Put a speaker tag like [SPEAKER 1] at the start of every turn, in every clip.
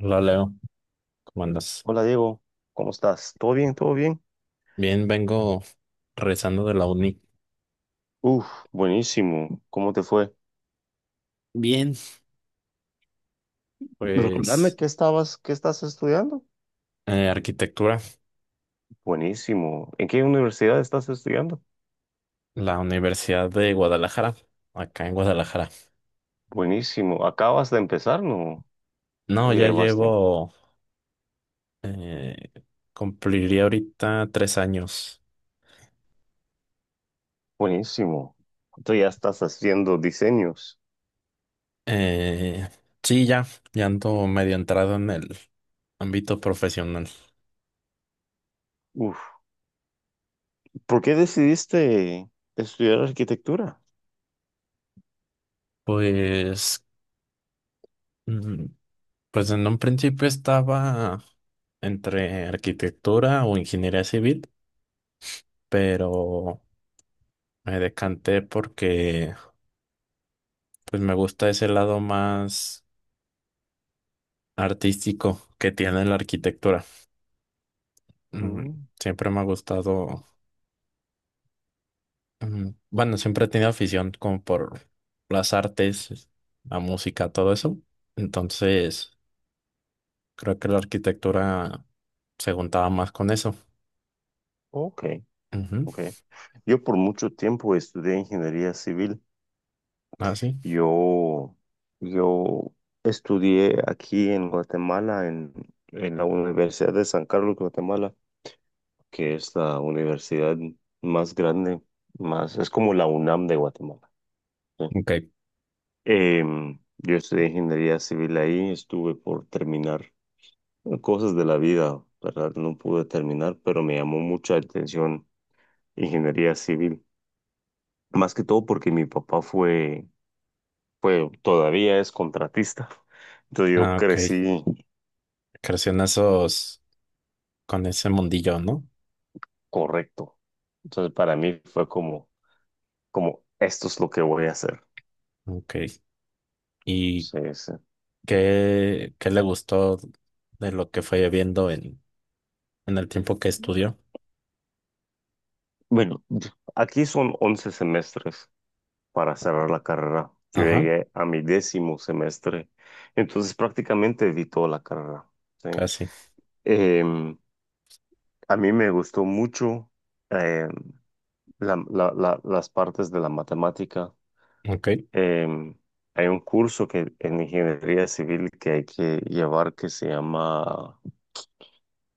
[SPEAKER 1] Hola Leo, ¿cómo andas?
[SPEAKER 2] Hola Diego, ¿cómo estás? ¿Todo bien? ¿Todo bien?
[SPEAKER 1] Bien, vengo regresando de la uni.
[SPEAKER 2] Uf, buenísimo. ¿Cómo te fue?
[SPEAKER 1] Bien,
[SPEAKER 2] Recordame
[SPEAKER 1] pues
[SPEAKER 2] qué estás estudiando.
[SPEAKER 1] arquitectura,
[SPEAKER 2] Buenísimo. ¿En qué universidad estás estudiando?
[SPEAKER 1] la Universidad de Guadalajara, acá en Guadalajara.
[SPEAKER 2] Buenísimo. Acabas de empezar, ¿no?
[SPEAKER 1] No, ya
[SPEAKER 2] Oye, Bastián.
[SPEAKER 1] llevo, eh, cumpliría ahorita 3 años.
[SPEAKER 2] Buenísimo. Entonces ya estás haciendo diseños.
[SPEAKER 1] Eh, sí, ya, ya ando medio entrado en el ámbito profesional.
[SPEAKER 2] Uf, ¿por qué decidiste estudiar arquitectura?
[SPEAKER 1] Pues, mm, pues en un principio estaba entre arquitectura o ingeniería civil, pero me decanté porque pues me gusta ese lado más artístico que tiene la arquitectura. Mm.
[SPEAKER 2] Mm,
[SPEAKER 1] Siempre me ha gustado, bueno, siempre he tenido afición como por las artes, la música, todo eso. Entonces, creo que la arquitectura se juntaba más con eso.
[SPEAKER 2] ok,
[SPEAKER 1] Ujú.
[SPEAKER 2] ok. Yo por mucho tiempo estudié ingeniería civil.
[SPEAKER 1] Ah, sí.
[SPEAKER 2] Yo, yo estudié aquí en Guatemala, en la Universidad de San Carlos, Guatemala, que es la universidad más grande, es como la UNAM de Guatemala. ¿Sí?
[SPEAKER 1] Ok.
[SPEAKER 2] Yo estudié ingeniería civil ahí, estuve por terminar cosas de la vida, ¿verdad? No pude terminar, pero me llamó mucha atención ingeniería civil, más que todo porque mi papá fue, todavía es contratista. Entonces yo
[SPEAKER 1] Ah, ok.
[SPEAKER 2] crecí.
[SPEAKER 1] Creció en esos, con ese mundillo, ¿no?
[SPEAKER 2] Correcto. Entonces, para mí fue como, esto es lo que voy a hacer.
[SPEAKER 1] Ok. ¿Y
[SPEAKER 2] Sí, sí.
[SPEAKER 1] qué, qué le gustó de lo que fue viendo en el tiempo que estudió?
[SPEAKER 2] Bueno, aquí son 11 semestres para cerrar la carrera. Yo
[SPEAKER 1] Ajá,
[SPEAKER 2] llegué a mi décimo semestre, entonces prácticamente vi toda la carrera. Sí.
[SPEAKER 1] casi.
[SPEAKER 2] Em, a mí me gustó mucho em, las partes de la matemática.
[SPEAKER 1] Ok,
[SPEAKER 2] Em, hay un curso que en ingeniería civil que hay que llevar que se llama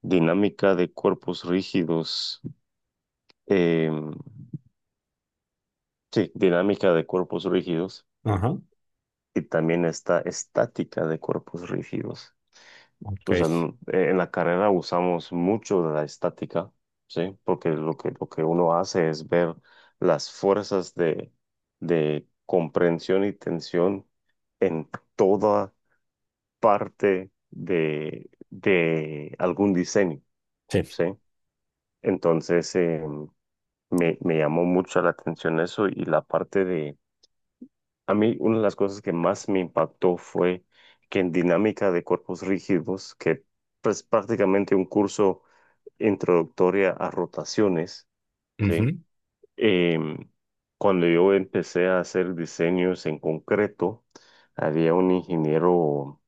[SPEAKER 2] dinámica de cuerpos rígidos. em, sí, dinámica de cuerpos rígidos.
[SPEAKER 1] ajá,
[SPEAKER 2] Y también está estática de cuerpos rígidos.
[SPEAKER 1] ok.
[SPEAKER 2] O sea, en la carrera usamos mucho de la estática, ¿sí? Porque lo que uno hace es ver las fuerzas de comprensión y tensión en toda parte de algún diseño,
[SPEAKER 1] Sí.
[SPEAKER 2] ¿sí? Entonces, me llamó mucho la atención eso y la parte de, a mí una de las cosas que más me impactó fue que en dinámica de cuerpos rígidos, que es prácticamente un curso introductoria a rotaciones, ¿sí?
[SPEAKER 1] Ujú,
[SPEAKER 2] Em, cuando yo empecé a hacer diseños en concreto, había un ingeniero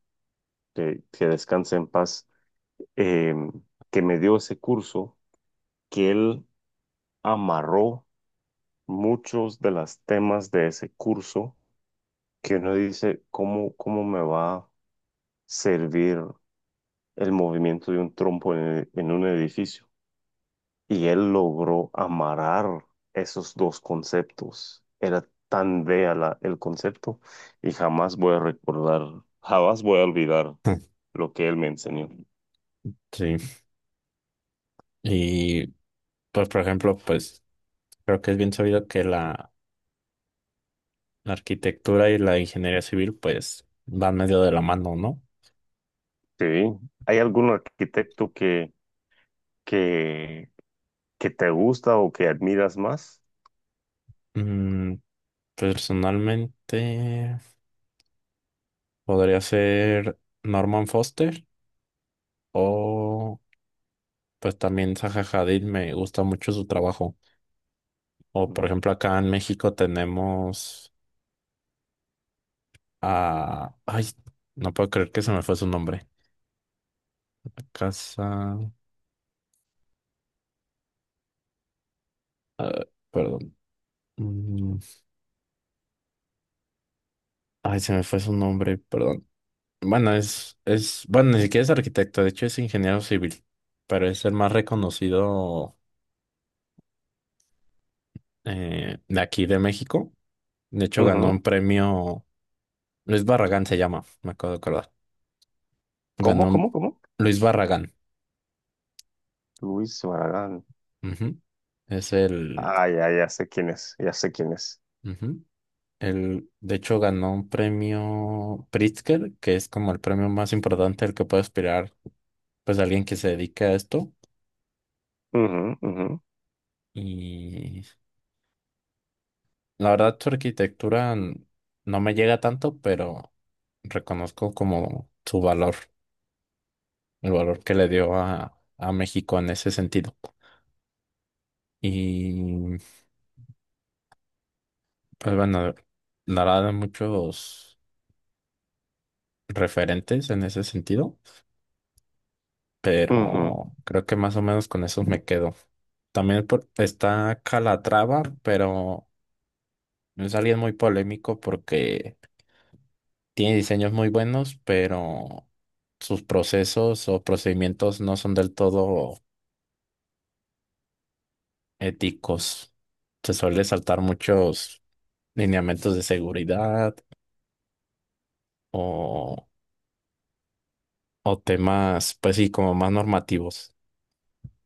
[SPEAKER 2] que descansa en paz, em, que me dio ese curso, que él amarró muchos de los temas de ese curso que uno dice, ¿cómo me va a servir el movimiento de un trompo en un edificio? Y él logró amarrar esos dos conceptos. Era tan bella el concepto y jamás voy a olvidar
[SPEAKER 1] ah,
[SPEAKER 2] lo que él me enseñó.
[SPEAKER 1] sí. Y pues, por ejemplo, pues creo que es bien sabido que la arquitectura y la ingeniería civil pues van medio de la mano, ¿no?
[SPEAKER 2] Sí, ¿hay algún arquitecto que, que te gusta o que admiras más?
[SPEAKER 1] Mm, personalmente podría ser Norman Foster o pues también Zaha Hadid, me gusta mucho su trabajo. O por
[SPEAKER 2] Ujú.
[SPEAKER 1] ejemplo, acá en México tenemos a... Ay, no puedo creer que se me fue su nombre. Casa... ah, perdón. Mm, Ay, se me fue su nombre, perdón. Bueno, es, bueno, ni siquiera es arquitecto, de hecho es ingeniero civil, pero es el más reconocido de aquí de México. De hecho, ganó
[SPEAKER 2] Ujú.
[SPEAKER 1] un premio... Luis Barragán se llama, me acabo de acordar.
[SPEAKER 2] ¿Cómo,
[SPEAKER 1] Ganó
[SPEAKER 2] cómo, cómo?
[SPEAKER 1] Luis Barragán.
[SPEAKER 2] Luis Barragán.
[SPEAKER 1] Ujú. Es el...
[SPEAKER 2] Ah, ya, ya sé quién es, ya sé quién es.
[SPEAKER 1] ujú. Él, de hecho, ganó un premio Pritzker, que es como el premio más importante al que puede aspirar, pues, alguien que se dedique a esto.
[SPEAKER 2] Ujú, ujú,
[SPEAKER 1] Y la verdad, no me llega tanto, pero reconozco como su valor, el valor que le dio a México en ese sentido. Y, pues, bueno, dará de muchos referentes en ese sentido.
[SPEAKER 2] ujú,
[SPEAKER 1] Pero creo que más o menos con esos me quedo. También está Calatrava, pero es alguien muy polémico porque tiene diseños muy buenos, pero sus procesos o procedimientos no son del todo éticos. Se suele saltar muchos lineamientos de seguridad o, o temas, pues sí, como más normativos.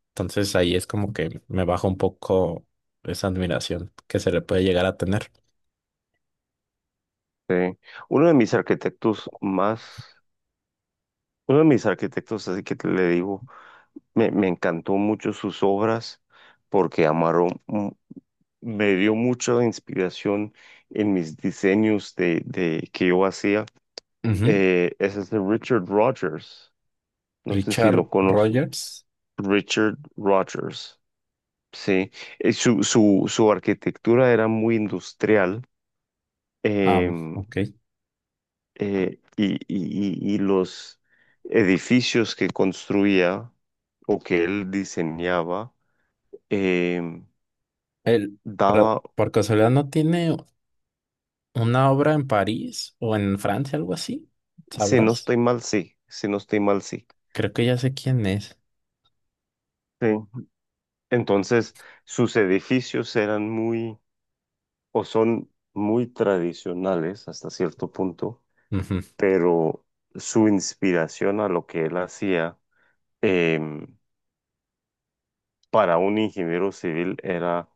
[SPEAKER 1] Entonces ahí es como que me baja un poco esa admiración que se le puede llegar a tener.
[SPEAKER 2] sí. Uno de mis arquitectos más, uno de mis arquitectos, así que te le digo, me encantó mucho sus obras porque amaron, me dio mucha inspiración en mis diseños de que yo hacía. Ese es de Richard Rogers, no sé si lo
[SPEAKER 1] Richard
[SPEAKER 2] conozco.
[SPEAKER 1] Rogers.
[SPEAKER 2] Richard Rogers, sí. Su arquitectura era muy industrial.
[SPEAKER 1] Ah,
[SPEAKER 2] em,
[SPEAKER 1] ok.
[SPEAKER 2] y los edificios que construía o que él diseñaba, eh,
[SPEAKER 1] Él, pero,
[SPEAKER 2] daba,
[SPEAKER 1] por casualidad, ¿no tiene una obra en París o en Francia, algo así?
[SPEAKER 2] si no
[SPEAKER 1] ¿Sabrás?
[SPEAKER 2] estoy mal, sí, si no estoy mal, sí.
[SPEAKER 1] Creo que ya sé quién es.
[SPEAKER 2] Sí. Entonces, sus edificios eran muy, o son muy tradicionales hasta cierto punto,
[SPEAKER 1] Ujú.
[SPEAKER 2] pero su inspiración a lo que él hacía em, para un ingeniero civil era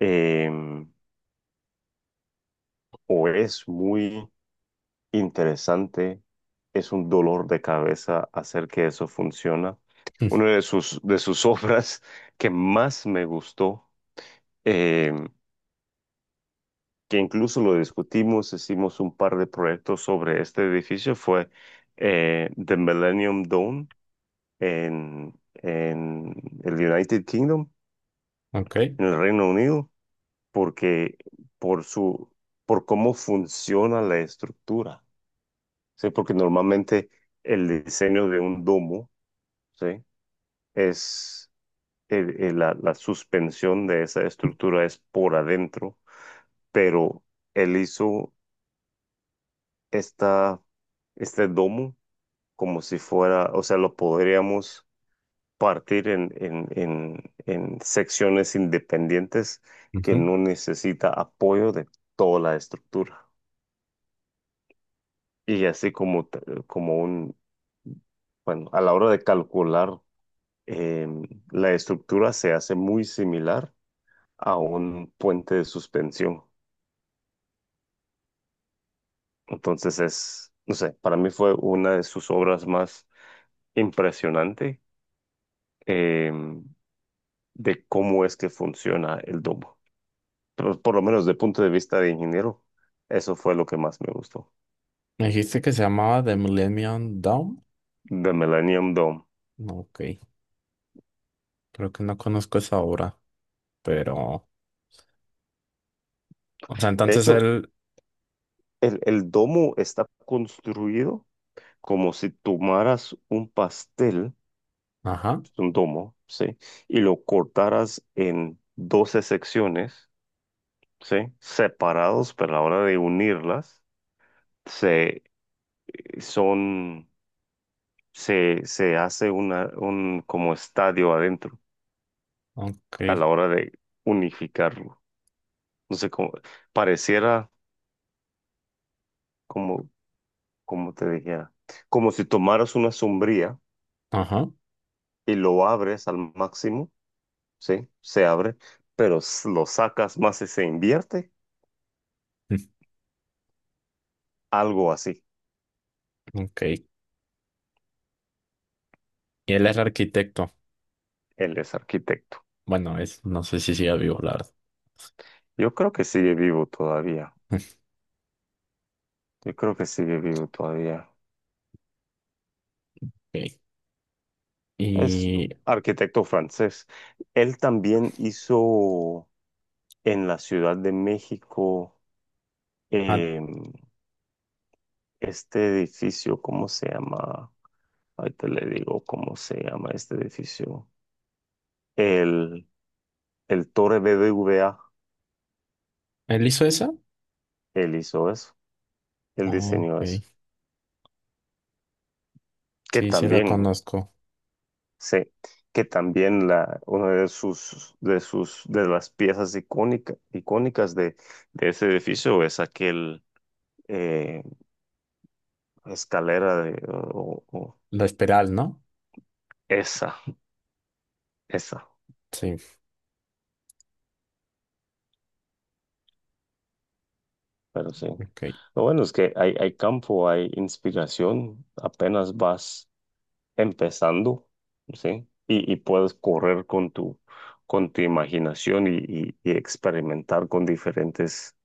[SPEAKER 2] em, o es muy interesante, es un dolor de cabeza hacer que eso funcione. Una de sus obras que más me gustó, eh, que incluso lo discutimos, hicimos un par de proyectos sobre este edificio, fue The Millennium Dome en el United Kingdom,
[SPEAKER 1] Ok.
[SPEAKER 2] en el Reino Unido, porque por su, por cómo funciona la estructura, ¿sí? Porque normalmente el diseño de un domo, ¿sí? Es la suspensión de esa estructura es por adentro, pero él hizo esta, este domo como si fuera, o sea, lo podríamos partir en secciones independientes que
[SPEAKER 1] Ujú.
[SPEAKER 2] no necesita apoyo de toda la estructura. Y así como, como un, bueno, a la hora de calcular, em, la estructura se hace muy similar a un puente de suspensión. Entonces es, no sé, para mí fue una de sus obras más impresionante eh, de cómo es que funciona el domo. Pero por lo menos de punto de vista de ingeniero, eso fue lo que más me gustó,
[SPEAKER 1] Me dijiste que se llamaba The Millennium Dome.
[SPEAKER 2] de Millennium Dome.
[SPEAKER 1] Ok. Creo que no conozco esa obra, pero... O sea,
[SPEAKER 2] De
[SPEAKER 1] entonces
[SPEAKER 2] hecho,
[SPEAKER 1] él...
[SPEAKER 2] el domo está construido como si tomaras un pastel,
[SPEAKER 1] Ajá.
[SPEAKER 2] es un domo, ¿sí? Y lo cortaras en 12 secciones, ¿sí? Separados, pero a la hora de unirlas, se, son, se hace una, un como estadio adentro
[SPEAKER 1] Ok.
[SPEAKER 2] a la hora de unificarlo. No sé cómo, pareciera como, como te dijera, como si tomaras una sombría
[SPEAKER 1] Ajá.
[SPEAKER 2] y lo abres al máximo, ¿sí? Se abre, pero lo sacas más y se invierte, algo así.
[SPEAKER 1] Ok. Y él es arquitecto.
[SPEAKER 2] Él es arquitecto.
[SPEAKER 1] Bueno, es... No sé si sigue vivo, la verdad.
[SPEAKER 2] Yo creo que sigue vivo todavía. Yo creo que sigue vivo todavía.
[SPEAKER 1] Ok.
[SPEAKER 2] Es
[SPEAKER 1] Y...
[SPEAKER 2] arquitecto francés. Él también hizo en la Ciudad de México
[SPEAKER 1] ah,
[SPEAKER 2] eh, este edificio, ¿cómo se llama? Ahorita le digo cómo se llama este edificio. El, el Torre BBVA
[SPEAKER 1] ¿él hizo esa?
[SPEAKER 2] él hizo eso, él diseñó
[SPEAKER 1] Ok.
[SPEAKER 2] eso, que
[SPEAKER 1] Sí, sí la
[SPEAKER 2] también,
[SPEAKER 1] conozco.
[SPEAKER 2] sí, que también una de las piezas icónicas de ese edificio es aquel eh, Escalera de,
[SPEAKER 1] La Esperal, ¿no?
[SPEAKER 2] esa, esa,
[SPEAKER 1] Sí,
[SPEAKER 2] pero sí.
[SPEAKER 1] ok.
[SPEAKER 2] Lo bueno es que hay campo, hay inspiración, apenas vas empezando, ¿sí? Y puedes correr con tu imaginación y experimentar con diferentes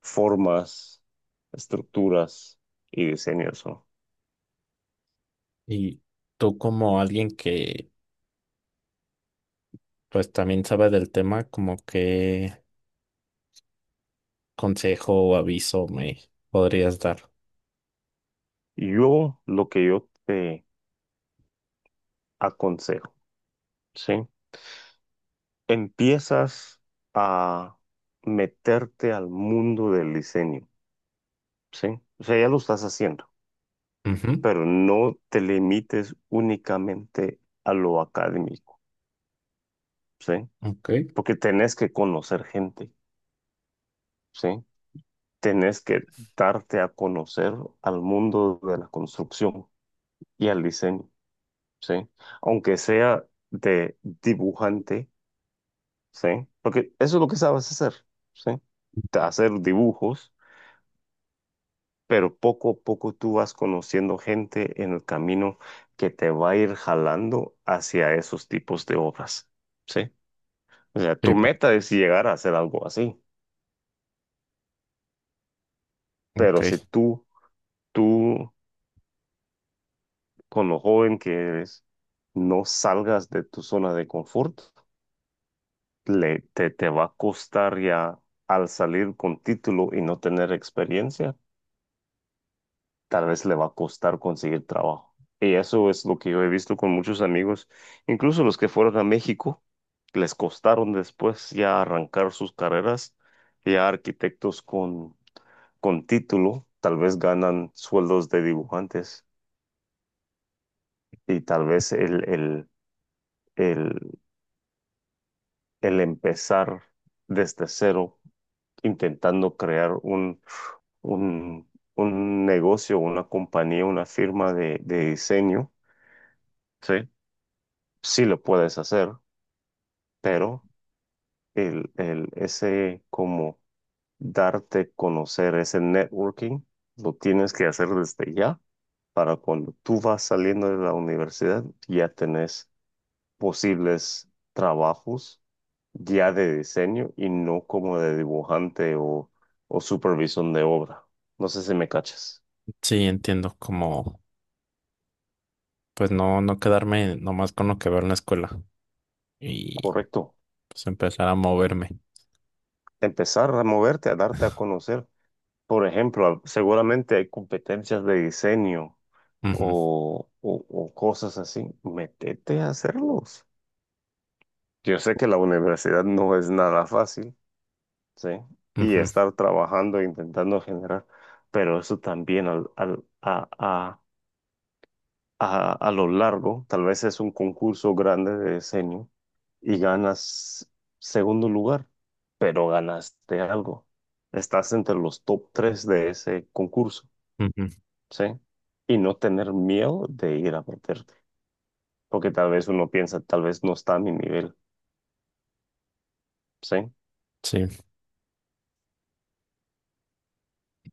[SPEAKER 2] formas, estructuras y diseños, ¿no?
[SPEAKER 1] Y tú como alguien que pues también sabe del tema, como qué consejo o aviso me podrías dar.
[SPEAKER 2] Lo que yo te aconsejo, ¿sí? Empiezas a meterte al mundo del diseño. Sí, o sea, ya lo estás haciendo,
[SPEAKER 1] Ujú,
[SPEAKER 2] pero no te limites únicamente a lo académico, ¿sí?
[SPEAKER 1] ok.
[SPEAKER 2] Porque tenés que conocer gente, ¿sí? Tenés que darte a conocer al mundo de la construcción y al diseño, ¿sí? Aunque sea de dibujante, ¿sí? Porque eso es lo que sabes hacer, ¿sí? Hacer dibujos, pero poco a poco tú vas conociendo gente en el camino que te va a ir jalando hacia esos tipos de obras, ¿sí? O sea,
[SPEAKER 1] Sí,
[SPEAKER 2] tu meta es llegar a hacer algo así, pero
[SPEAKER 1] ok.
[SPEAKER 2] si tú, con lo joven que eres, no salgas de tu zona de confort, te va a costar ya al salir con título y no tener experiencia, tal vez le va a costar conseguir trabajo. Y eso es lo que yo he visto con muchos amigos, incluso los que fueron a México, les costaron después ya arrancar sus carreras, ya arquitectos con título, tal vez ganan sueldos de dibujantes y tal vez el, el empezar desde cero, intentando crear un, un negocio, una compañía, una firma de diseño, ¿sí? Sí lo puedes hacer, pero ese como darte conocer, ese networking, lo tienes que hacer desde ya para cuando tú vas saliendo de la universidad, ya tenés posibles trabajos ya de diseño y no como de dibujante o supervisión de obra. No sé si me cachas.
[SPEAKER 1] Sí, entiendo. Como pues no, no quedarme nomás con lo que veo en la escuela y
[SPEAKER 2] Correcto.
[SPEAKER 1] pues empezar a moverme.
[SPEAKER 2] Empezar a moverte, a darte a conocer. Por ejemplo, seguramente hay competencias de diseño
[SPEAKER 1] Ujú,
[SPEAKER 2] o cosas así. Métete a hacerlos. Yo sé que la universidad no es nada fácil, ¿sí? Y
[SPEAKER 1] ujú,
[SPEAKER 2] estar trabajando e intentando generar, pero eso también a lo largo, tal vez es un concurso grande de diseño y ganas segundo lugar, pero ganaste algo. Estás entre los top tres de ese concurso.
[SPEAKER 1] ujú.
[SPEAKER 2] ¿Sí? Y no tener miedo de ir a meterte, porque tal vez uno piensa, tal vez no está a mi nivel, ¿sí?
[SPEAKER 1] Sí.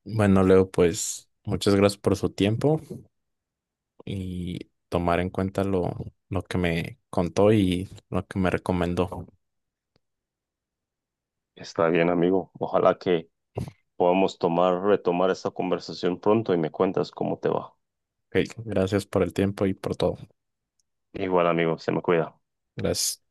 [SPEAKER 1] Bueno, Leo, pues muchas gracias por su tiempo y tomar en cuenta lo que me contó y lo que me recomendó. Ok,
[SPEAKER 2] Está bien, amigo. Ojalá que podamos retomar esta conversación pronto y me cuentas cómo te va.
[SPEAKER 1] gracias por el tiempo y por todo.
[SPEAKER 2] Igual, amigo, se me cuida.
[SPEAKER 1] Gracias.